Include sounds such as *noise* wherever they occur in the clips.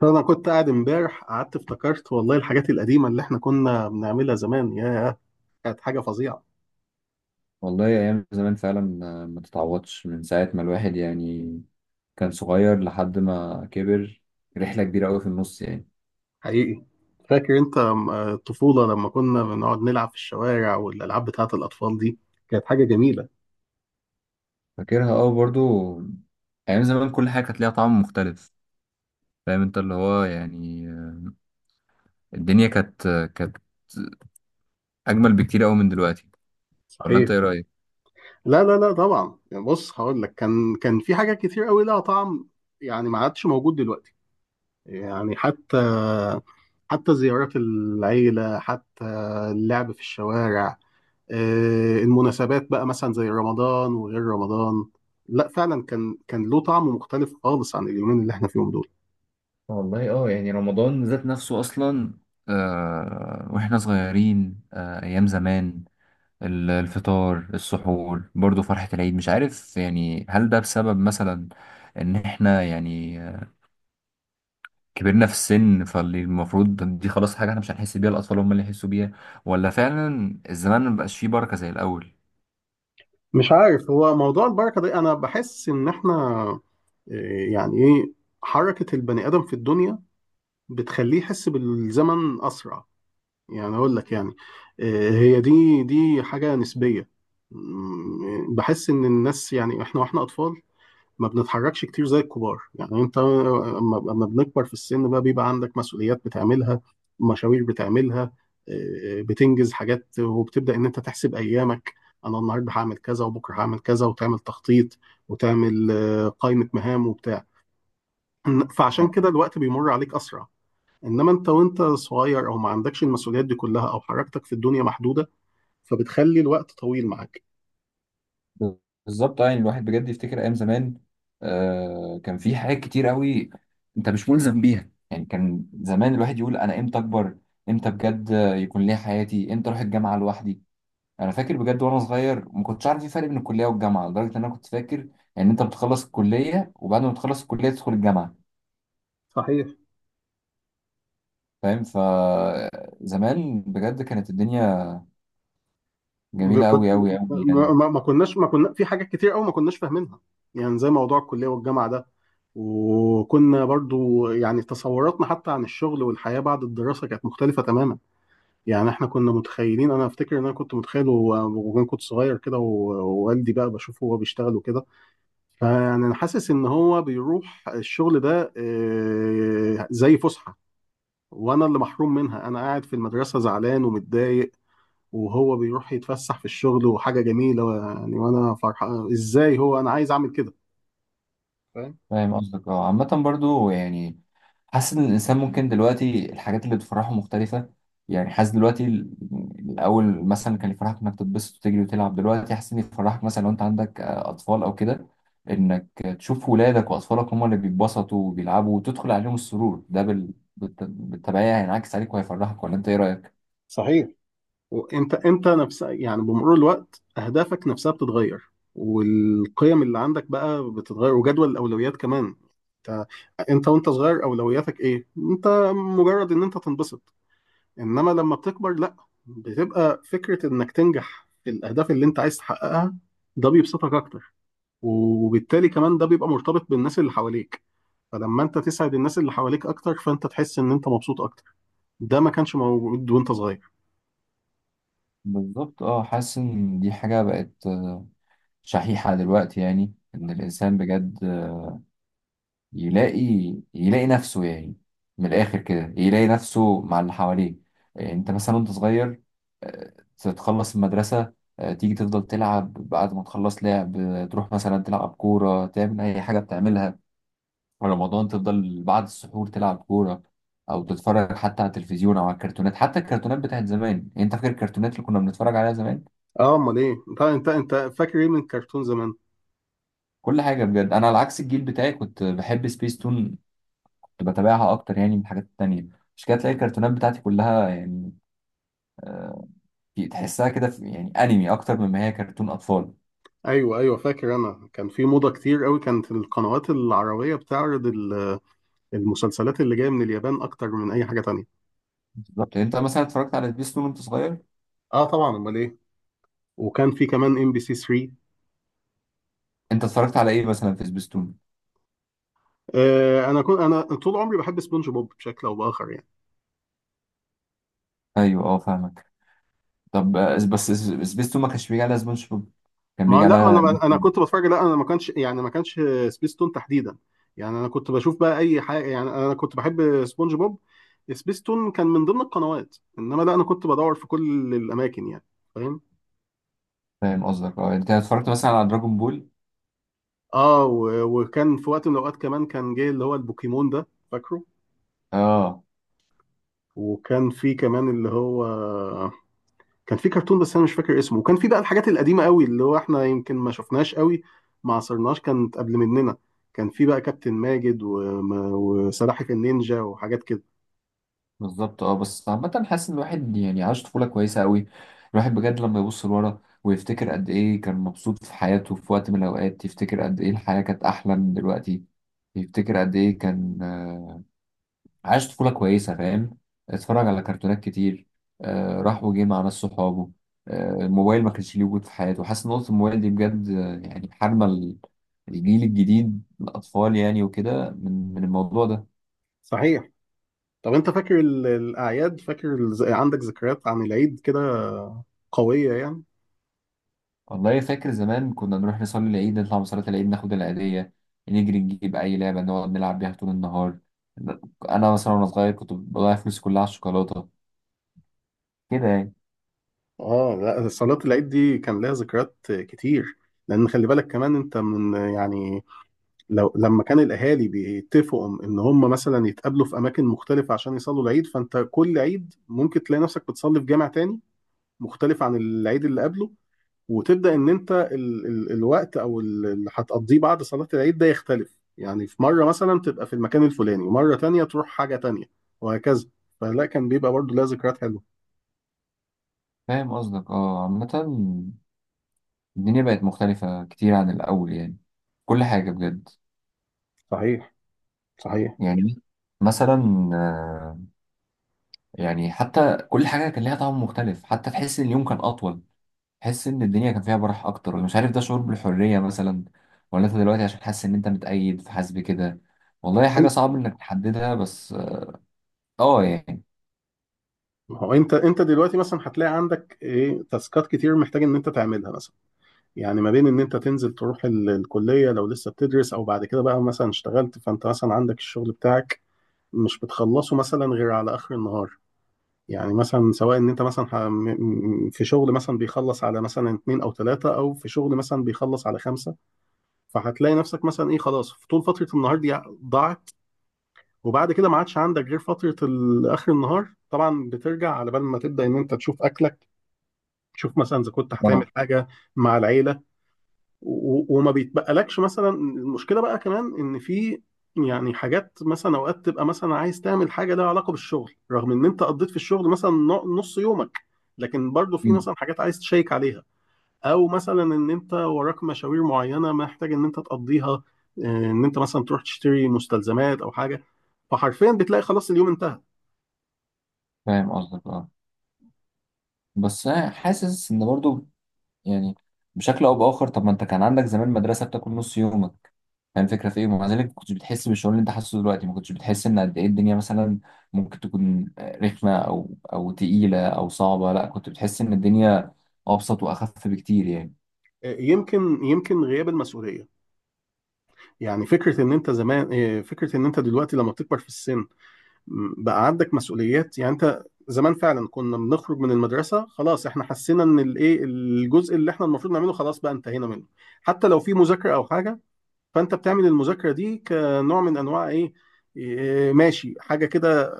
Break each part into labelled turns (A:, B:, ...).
A: فانا كنت قاعد امبارح، قعدت افتكرت والله الحاجات القديمه اللي احنا كنا بنعملها زمان يا. كانت حاجه فظيعه.
B: والله أيام زمان فعلا ما تتعوضش من ساعة ما الواحد يعني كان صغير لحد ما كبر. رحلة كبيرة أوي في النص يعني.
A: حقيقي. فاكر انت الطفوله لما كنا بنقعد نلعب في الشوارع والالعاب بتاعه الاطفال دي. كانت حاجه جميله.
B: فاكرها أوي برضو. أيام زمان كل حاجة كانت ليها طعم مختلف. فاهم أنت اللي هو يعني، الدنيا كانت أجمل بكتير أوي من دلوقتي. ولا
A: صحيح.
B: أنت إيه رأيك؟
A: لا لا لا، طبعا يعني، بص هقول لك كان في حاجات كتير قوي لها طعم يعني ما عادش موجود دلوقتي. يعني حتى، حتى زيارات العيله، حتى اللعب في الشوارع، المناسبات بقى مثلا زي رمضان وغير رمضان. لا فعلا كان له طعم مختلف خالص عن اليومين اللي احنا فيهم دول.
B: والله اه، يعني رمضان ذات نفسه اصلا، واحنا صغيرين، ايام زمان. الفطار، السحور، برضو فرحة العيد، مش عارف يعني، هل ده بسبب مثلا ان احنا يعني كبرنا في السن، فاللي المفروض دي خلاص حاجة احنا مش هنحس بيها، الأطفال هم اللي يحسوا بيها؟ ولا فعلا الزمان مبقاش فيه بركة زي الأول؟
A: مش عارف، هو موضوع البركة ده انا بحس ان احنا يعني ايه، حركة البني ادم في الدنيا بتخليه يحس بالزمن اسرع. يعني اقول لك يعني، هي دي حاجة نسبية. بحس ان الناس، يعني احنا واحنا اطفال ما بنتحركش كتير زي الكبار. يعني انت أما بنكبر في السن بقى بيبقى عندك مسؤوليات بتعملها، مشاوير بتعملها، بتنجز حاجات، وبتبدأ ان انت تحسب ايامك. انا النهارده هعمل كذا وبكره هعمل كذا، وتعمل تخطيط، وتعمل قائمة مهام وبتاع. فعشان كده الوقت بيمر عليك اسرع. انما انت وانت صغير او ما عندكش المسؤوليات دي كلها او حركتك في الدنيا محدودة، فبتخلي الوقت طويل معاك.
B: بالظبط، اه، يعني الواحد بجد يفتكر ايام زمان. كان في حاجات كتير قوي انت مش ملزم بيها، يعني كان زمان الواحد يقول: انا امتى اكبر؟ امتى بجد يكون ليا حياتي؟ امتى اروح الجامعه لوحدي؟ انا فاكر بجد وانا صغير ما كنتش عارف في فرق بين الكليه والجامعه، لدرجه ان انا كنت فاكر ان انت بتخلص الكليه وبعد ما تخلص الكليه تدخل الجامعه.
A: صحيح.
B: فاهم، فزمان بجد كانت الدنيا جميله
A: كنت،
B: قوي قوي قوي
A: ما,
B: يعني.
A: ما ما كناش ما كنا في حاجات كتير قوي ما كناش فاهمينها، يعني زي موضوع الكلية والجامعة ده. وكنا برضو يعني تصوراتنا حتى عن الشغل والحياة بعد الدراسة كانت مختلفة تماما. يعني احنا كنا متخيلين، انا افتكر ان انا كنت متخيل وانا كنت صغير كده، ووالدي بقى بشوفه وهو بيشتغل وكده. فيعني انا حاسس ان هو بيروح الشغل ده زي فسحة، وانا اللي محروم منها، انا قاعد في المدرسة زعلان ومتضايق وهو بيروح يتفسح في الشغل وحاجة جميلة يعني. وأنا فرحان، إزاي هو؟ أنا عايز أعمل كده. فاهم؟
B: فاهم قصدك، اه، عامة برضو يعني حاسس ان الانسان ممكن دلوقتي الحاجات اللي بتفرحه مختلفة. يعني حاسس دلوقتي الاول مثلا كان يفرحك انك تتبسط وتجري وتلعب، دلوقتي حاسس ان يفرحك مثلا لو انت عندك اطفال او كده، انك تشوف ولادك واطفالك هم اللي بيتبسطوا وبيلعبوا وتدخل عليهم السرور، ده بالتبعية هينعكس عليك وهيفرحك، ولا انت ايه رأيك؟
A: صحيح. وأنت نفسها يعني بمرور الوقت أهدافك نفسها بتتغير، والقيم اللي عندك بقى بتتغير، وجدول الأولويات كمان. أنت أنت وأنت صغير أولوياتك إيه؟ أنت مجرد إن أنت تنبسط. إنما لما بتكبر لأ، بتبقى فكرة إنك تنجح في الأهداف اللي أنت عايز تحققها. ده بيبسطك أكتر. وبالتالي كمان ده بيبقى مرتبط بالناس اللي حواليك. فلما انت تسعد الناس اللي حواليك اكتر، فانت تحس ان انت مبسوط اكتر. ده ما كانش موجود وانت صغير.
B: بالظبط، اه، حاسس ان دي حاجة بقت شحيحة دلوقتي، يعني ان الانسان بجد يلاقي يلاقي نفسه يعني، من الآخر كده يلاقي نفسه مع اللي حواليه. أنت مثلا وأنت صغير، تتخلص المدرسة، تيجي تفضل تلعب، بعد ما تخلص لعب تروح مثلا تلعب كورة، تعمل أي حاجة بتعملها. في رمضان تفضل بعد السحور تلعب كورة، أو تتفرج حتى على التلفزيون أو على الكرتونات، حتى الكرتونات بتاعت زمان. يعني أنت فاكر الكرتونات اللي كنا بنتفرج عليها زمان؟
A: اه، امال ايه؟ انت فاكر ايه من الكرتون زمان؟
B: كل حاجة بجد. أنا على عكس الجيل بتاعي كنت بحب سبيس تون، كنت بتابعها اكتر يعني من الحاجات التانية. مش كده، تلاقي الكرتونات بتاعتي كلها يعني تحسها كده، في يعني انمي اكتر مما هي كرتون اطفال.
A: ايوه ايوه، فاكر انا كان في موضه كتير قوي، كانت القنوات العربيه بتعرض المسلسلات اللي جايه من اليابان اكتر من اي حاجه تانية.
B: بالظبط، انت مثلا اتفرجت على سبيستون وانت صغير.
A: اه طبعا، امال ايه. وكان في كمان ام بي سي 3.
B: انت اتفرجت على ايه مثلا في سبيستون؟
A: آه، انا كنت، انا طول عمري بحب سبونج بوب بشكل او باخر يعني.
B: ايوه، اه، فاهمك. طب بس سبيستون ما كانش بيجي على سبونج بوب، كان بيجي
A: ما لا، ما
B: على
A: انا كنت
B: *laughs*
A: بتفرج، لا انا ما كانش يعني، ما كانش سبيس تون تحديدا. يعني انا كنت بشوف بقى اي حاجه، يعني انا كنت بحب سبونج بوب. سبيس تون كان من ضمن القنوات، انما لا، انا كنت بدور في كل الاماكن يعني. فاهم؟
B: فاهم قصدك، اه، يعني انت اتفرجت مثلا على دراجون بول؟
A: اه، وكان في وقت من الاوقات كمان كان جاي اللي هو البوكيمون ده، فاكره.
B: اه.
A: وكان في كمان اللي هو، كان في كرتون بس انا مش فاكر اسمه. وكان في بقى الحاجات القديمه قوي اللي هو احنا يمكن ما شفناش قوي، ما عصرناش، كانت قبل مننا. كان في بقى كابتن ماجد وم- وسلاحف النينجا وحاجات كده.
B: بالظبط، اه، بس عامة حاسس ان الواحد يعني عاش طفولة كويسة قوي. الواحد بجد لما يبص لورا ويفتكر قد ايه كان مبسوط في حياته في وقت من الاوقات، يفتكر قد ايه الحياة كانت احلى من دلوقتي، يفتكر قد ايه كان عاش طفولة كويسة، فاهم، اتفرج على كرتونات كتير، راح وجه مع ناس صحابه، الموبايل ما كانش ليه وجود في حياته. حاسس ان نقطة الموبايل دي بجد يعني حارمة الجيل الجديد، الاطفال يعني، وكده من الموضوع ده.
A: صحيح. طب انت فاكر الاعياد؟ فاكر عندك ذكريات عن العيد كده قويه يعني؟
B: والله فاكر زمان كنا نروح نصلي العيد، نطلع من صلاة العيد ناخد العيدية، نجري نجيب أي لعبة نقعد نلعب بيها طول النهار. أنا مثلا وأنا صغير كنت بضيع فلوسي كلها على الشوكولاتة كده يعني.
A: اه لا، صلاه العيد دي كان لها ذكريات كتير. لان خلي بالك كمان انت من يعني، لو لما كان الاهالي بيتفقوا ان هم مثلا يتقابلوا في اماكن مختلفه عشان يصلوا العيد، فانت كل عيد ممكن تلاقي نفسك بتصلي في جامع تاني مختلف عن العيد اللي قبله. وتبدا ان انت ال الوقت، او اللي هتقضيه بعد صلاه العيد ده يختلف. يعني في مره مثلا تبقى في المكان الفلاني، ومره تانية تروح حاجه تانية، وهكذا. فلا، كان بيبقى برضو لها ذكريات حلوه.
B: فاهم قصدك، اه، عامة الدنيا بقت مختلفة كتير عن الأول يعني، كل حاجة بجد.
A: صحيح. صحيح.
B: يعني مثلا يعني حتى كل حاجة كان ليها طعم مختلف، حتى تحس إن اليوم كان أطول، تحس ان الدنيا كان فيها براح اكتر، ولا مش عارف، ده شعور بالحريه مثلا، ولا انت دلوقتي عشان حاسس ان انت متقيد فحاسس بكده؟ والله حاجه
A: إن-
B: صعب انك تحددها، بس اه يعني.
A: هو انت دلوقتي مثلا هتلاقي عندك ايه، تاسكات كتير محتاج ان انت تعملها مثلا. يعني ما بين ان انت تنزل تروح الكلية لو لسه بتدرس، او بعد كده بقى مثلا اشتغلت فانت مثلا عندك الشغل بتاعك مش بتخلصه مثلا غير على اخر النهار. يعني مثلا سواء ان انت مثلا في شغل مثلا بيخلص على مثلا اتنين او تلاتة، او في شغل مثلا بيخلص على خمسة. فهتلاقي نفسك مثلا ايه، خلاص في طول فترة النهار دي ضاعت. وبعد كده ما عادش عندك غير فترة اخر النهار. طبعا بترجع على بال ما تبدأ ان انت تشوف اكلك، تشوف مثلا اذا كنت هتعمل
B: آه.
A: حاجة مع العيلة. وما بيتبقلكش مثلا. المشكله بقى كمان ان في يعني حاجات مثلا اوقات تبقى مثلا عايز تعمل حاجه لها علاقه بالشغل رغم ان انت قضيت في الشغل مثلا نص يومك، لكن برضو في
B: أمم.
A: مثلا حاجات عايز تشيك عليها. او مثلا ان انت وراك مشاوير معينه محتاج ان انت تقضيها، ان انت مثلا تروح تشتري مستلزمات او حاجه. فحرفيا بتلاقي خلاص اليوم انتهى.
B: فاهم قصدك، اه، بس أنا حاسس ان برضو يعني بشكل او باخر، طب ما انت كان عندك زمان مدرسه بتاكل نص يومك، فاهم الفكره في ايه؟ ومع ذلك ما كنتش بتحس بالشعور اللي انت حاسه دلوقتي، ما كنتش بتحس ان قد ايه الدنيا مثلا ممكن تكون رخمه او تقيله او صعبه، لا، كنت بتحس ان الدنيا ابسط واخف بكتير يعني.
A: يمكن غياب المسؤوليه. يعني فكره ان انت زمان، فكره ان انت دلوقتي لما بتكبر في السن، بقى عندك مسؤوليات. يعني انت زمان فعلا كنا بنخرج من المدرسه، خلاص احنا حسينا ان الايه، الجزء اللي احنا المفروض نعمله خلاص بقى انتهينا منه. حتى لو في مذاكره او حاجه، فانت بتعمل المذاكره دي كنوع من انواع ايه، إيه، ماشي حاجه كده،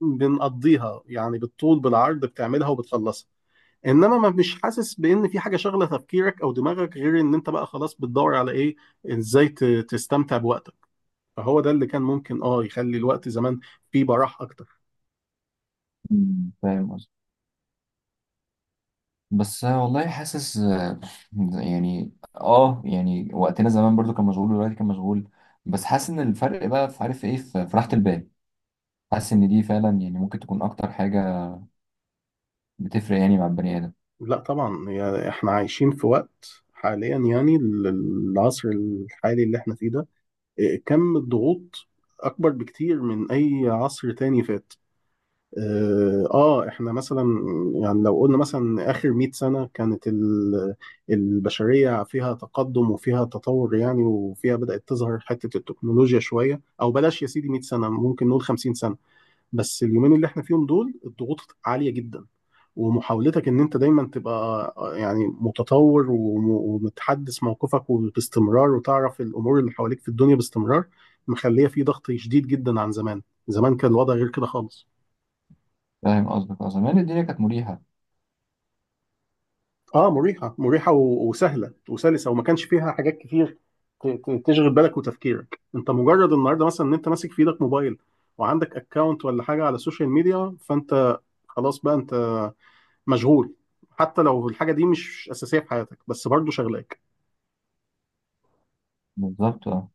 A: بنقضيها يعني بالطول بالعرض بتعملها وبتخلصها. انما ما مش حاسس بان في حاجه شغله تفكيرك او دماغك غير ان انت بقى خلاص بتدور على ايه، ازاي تستمتع بوقتك. فهو ده اللي كان ممكن اه يخلي الوقت زمان فيه براح اكتر.
B: مم. فاهم قصدي، بس والله حاسس يعني، اه يعني وقتنا زمان برضو كان مشغول ودلوقتي كان مشغول، بس حاسس ان الفرق بقى في، عارف ايه، في راحة البال. حاسس ان دي فعلا يعني ممكن تكون اكتر حاجة بتفرق يعني مع البني ادم.
A: لا طبعا، هي احنا عايشين في وقت حاليا يعني العصر الحالي اللي احنا فيه ده، إيه، كم الضغوط اكبر بكتير من اي عصر تاني فات. اه، احنا مثلا يعني لو قلنا مثلا اخر 100 سنة كانت البشرية فيها تقدم وفيها تطور، يعني وفيها بدأت تظهر حتة التكنولوجيا شوية، او بلاش يا سيدي 100 سنة، ممكن نقول 50 سنة. بس اليومين اللي احنا فيهم دول الضغوط عالية جدا. ومحاولتك ان انت دايما تبقى يعني متطور وم- ومتحدث موقفك وباستمرار، وتعرف الامور اللي حواليك في الدنيا باستمرار، مخلية في ضغط شديد جدا عن زمان. زمان كان الوضع غير كده خالص.
B: فاهم قصدك، اصلا يعني الدنيا كانت مريحة.
A: اه مريحة، مريحة وسهلة وسلسة، وما كانش فيها حاجات كتير تشغل بالك وتفكيرك. انت مجرد النهارده مثلا ان انت ماسك في ايدك موبايل وعندك اكونت ولا حاجة على السوشيال ميديا، فانت خلاص بقى انت مشغول. حتى لو الحاجه دي مش اساسيه في حياتك بس برضه شغلاك.
B: بالظبط، اه،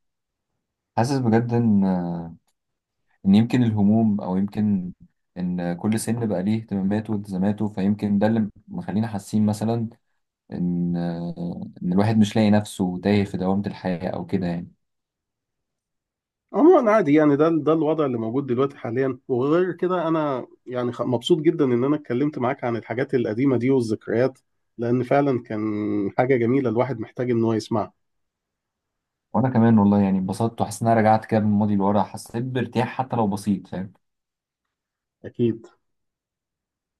B: حاسس بجد ان ان يمكن الهموم، او يمكن ان كل سن بقى ليه اهتماماته والتزاماته، فيمكن ده اللي مخلينا حاسين مثلا ان ان الواحد مش لاقي نفسه تايه في دوامة الحياة او كده يعني.
A: عموما عادي يعني، ده الوضع اللي موجود دلوقتي حاليا. وغير كده، انا يعني مبسوط جدا ان انا اتكلمت معاك عن الحاجات القديمه دي والذكريات، لان فعلا كان حاجه جميله الواحد محتاج ان هو يسمعها.
B: وانا كمان والله يعني اتبسطت، وحسيت ان انا رجعت كده بالماضي لورا، حسيت بارتياح حتى لو بسيط، فاهم.
A: اكيد.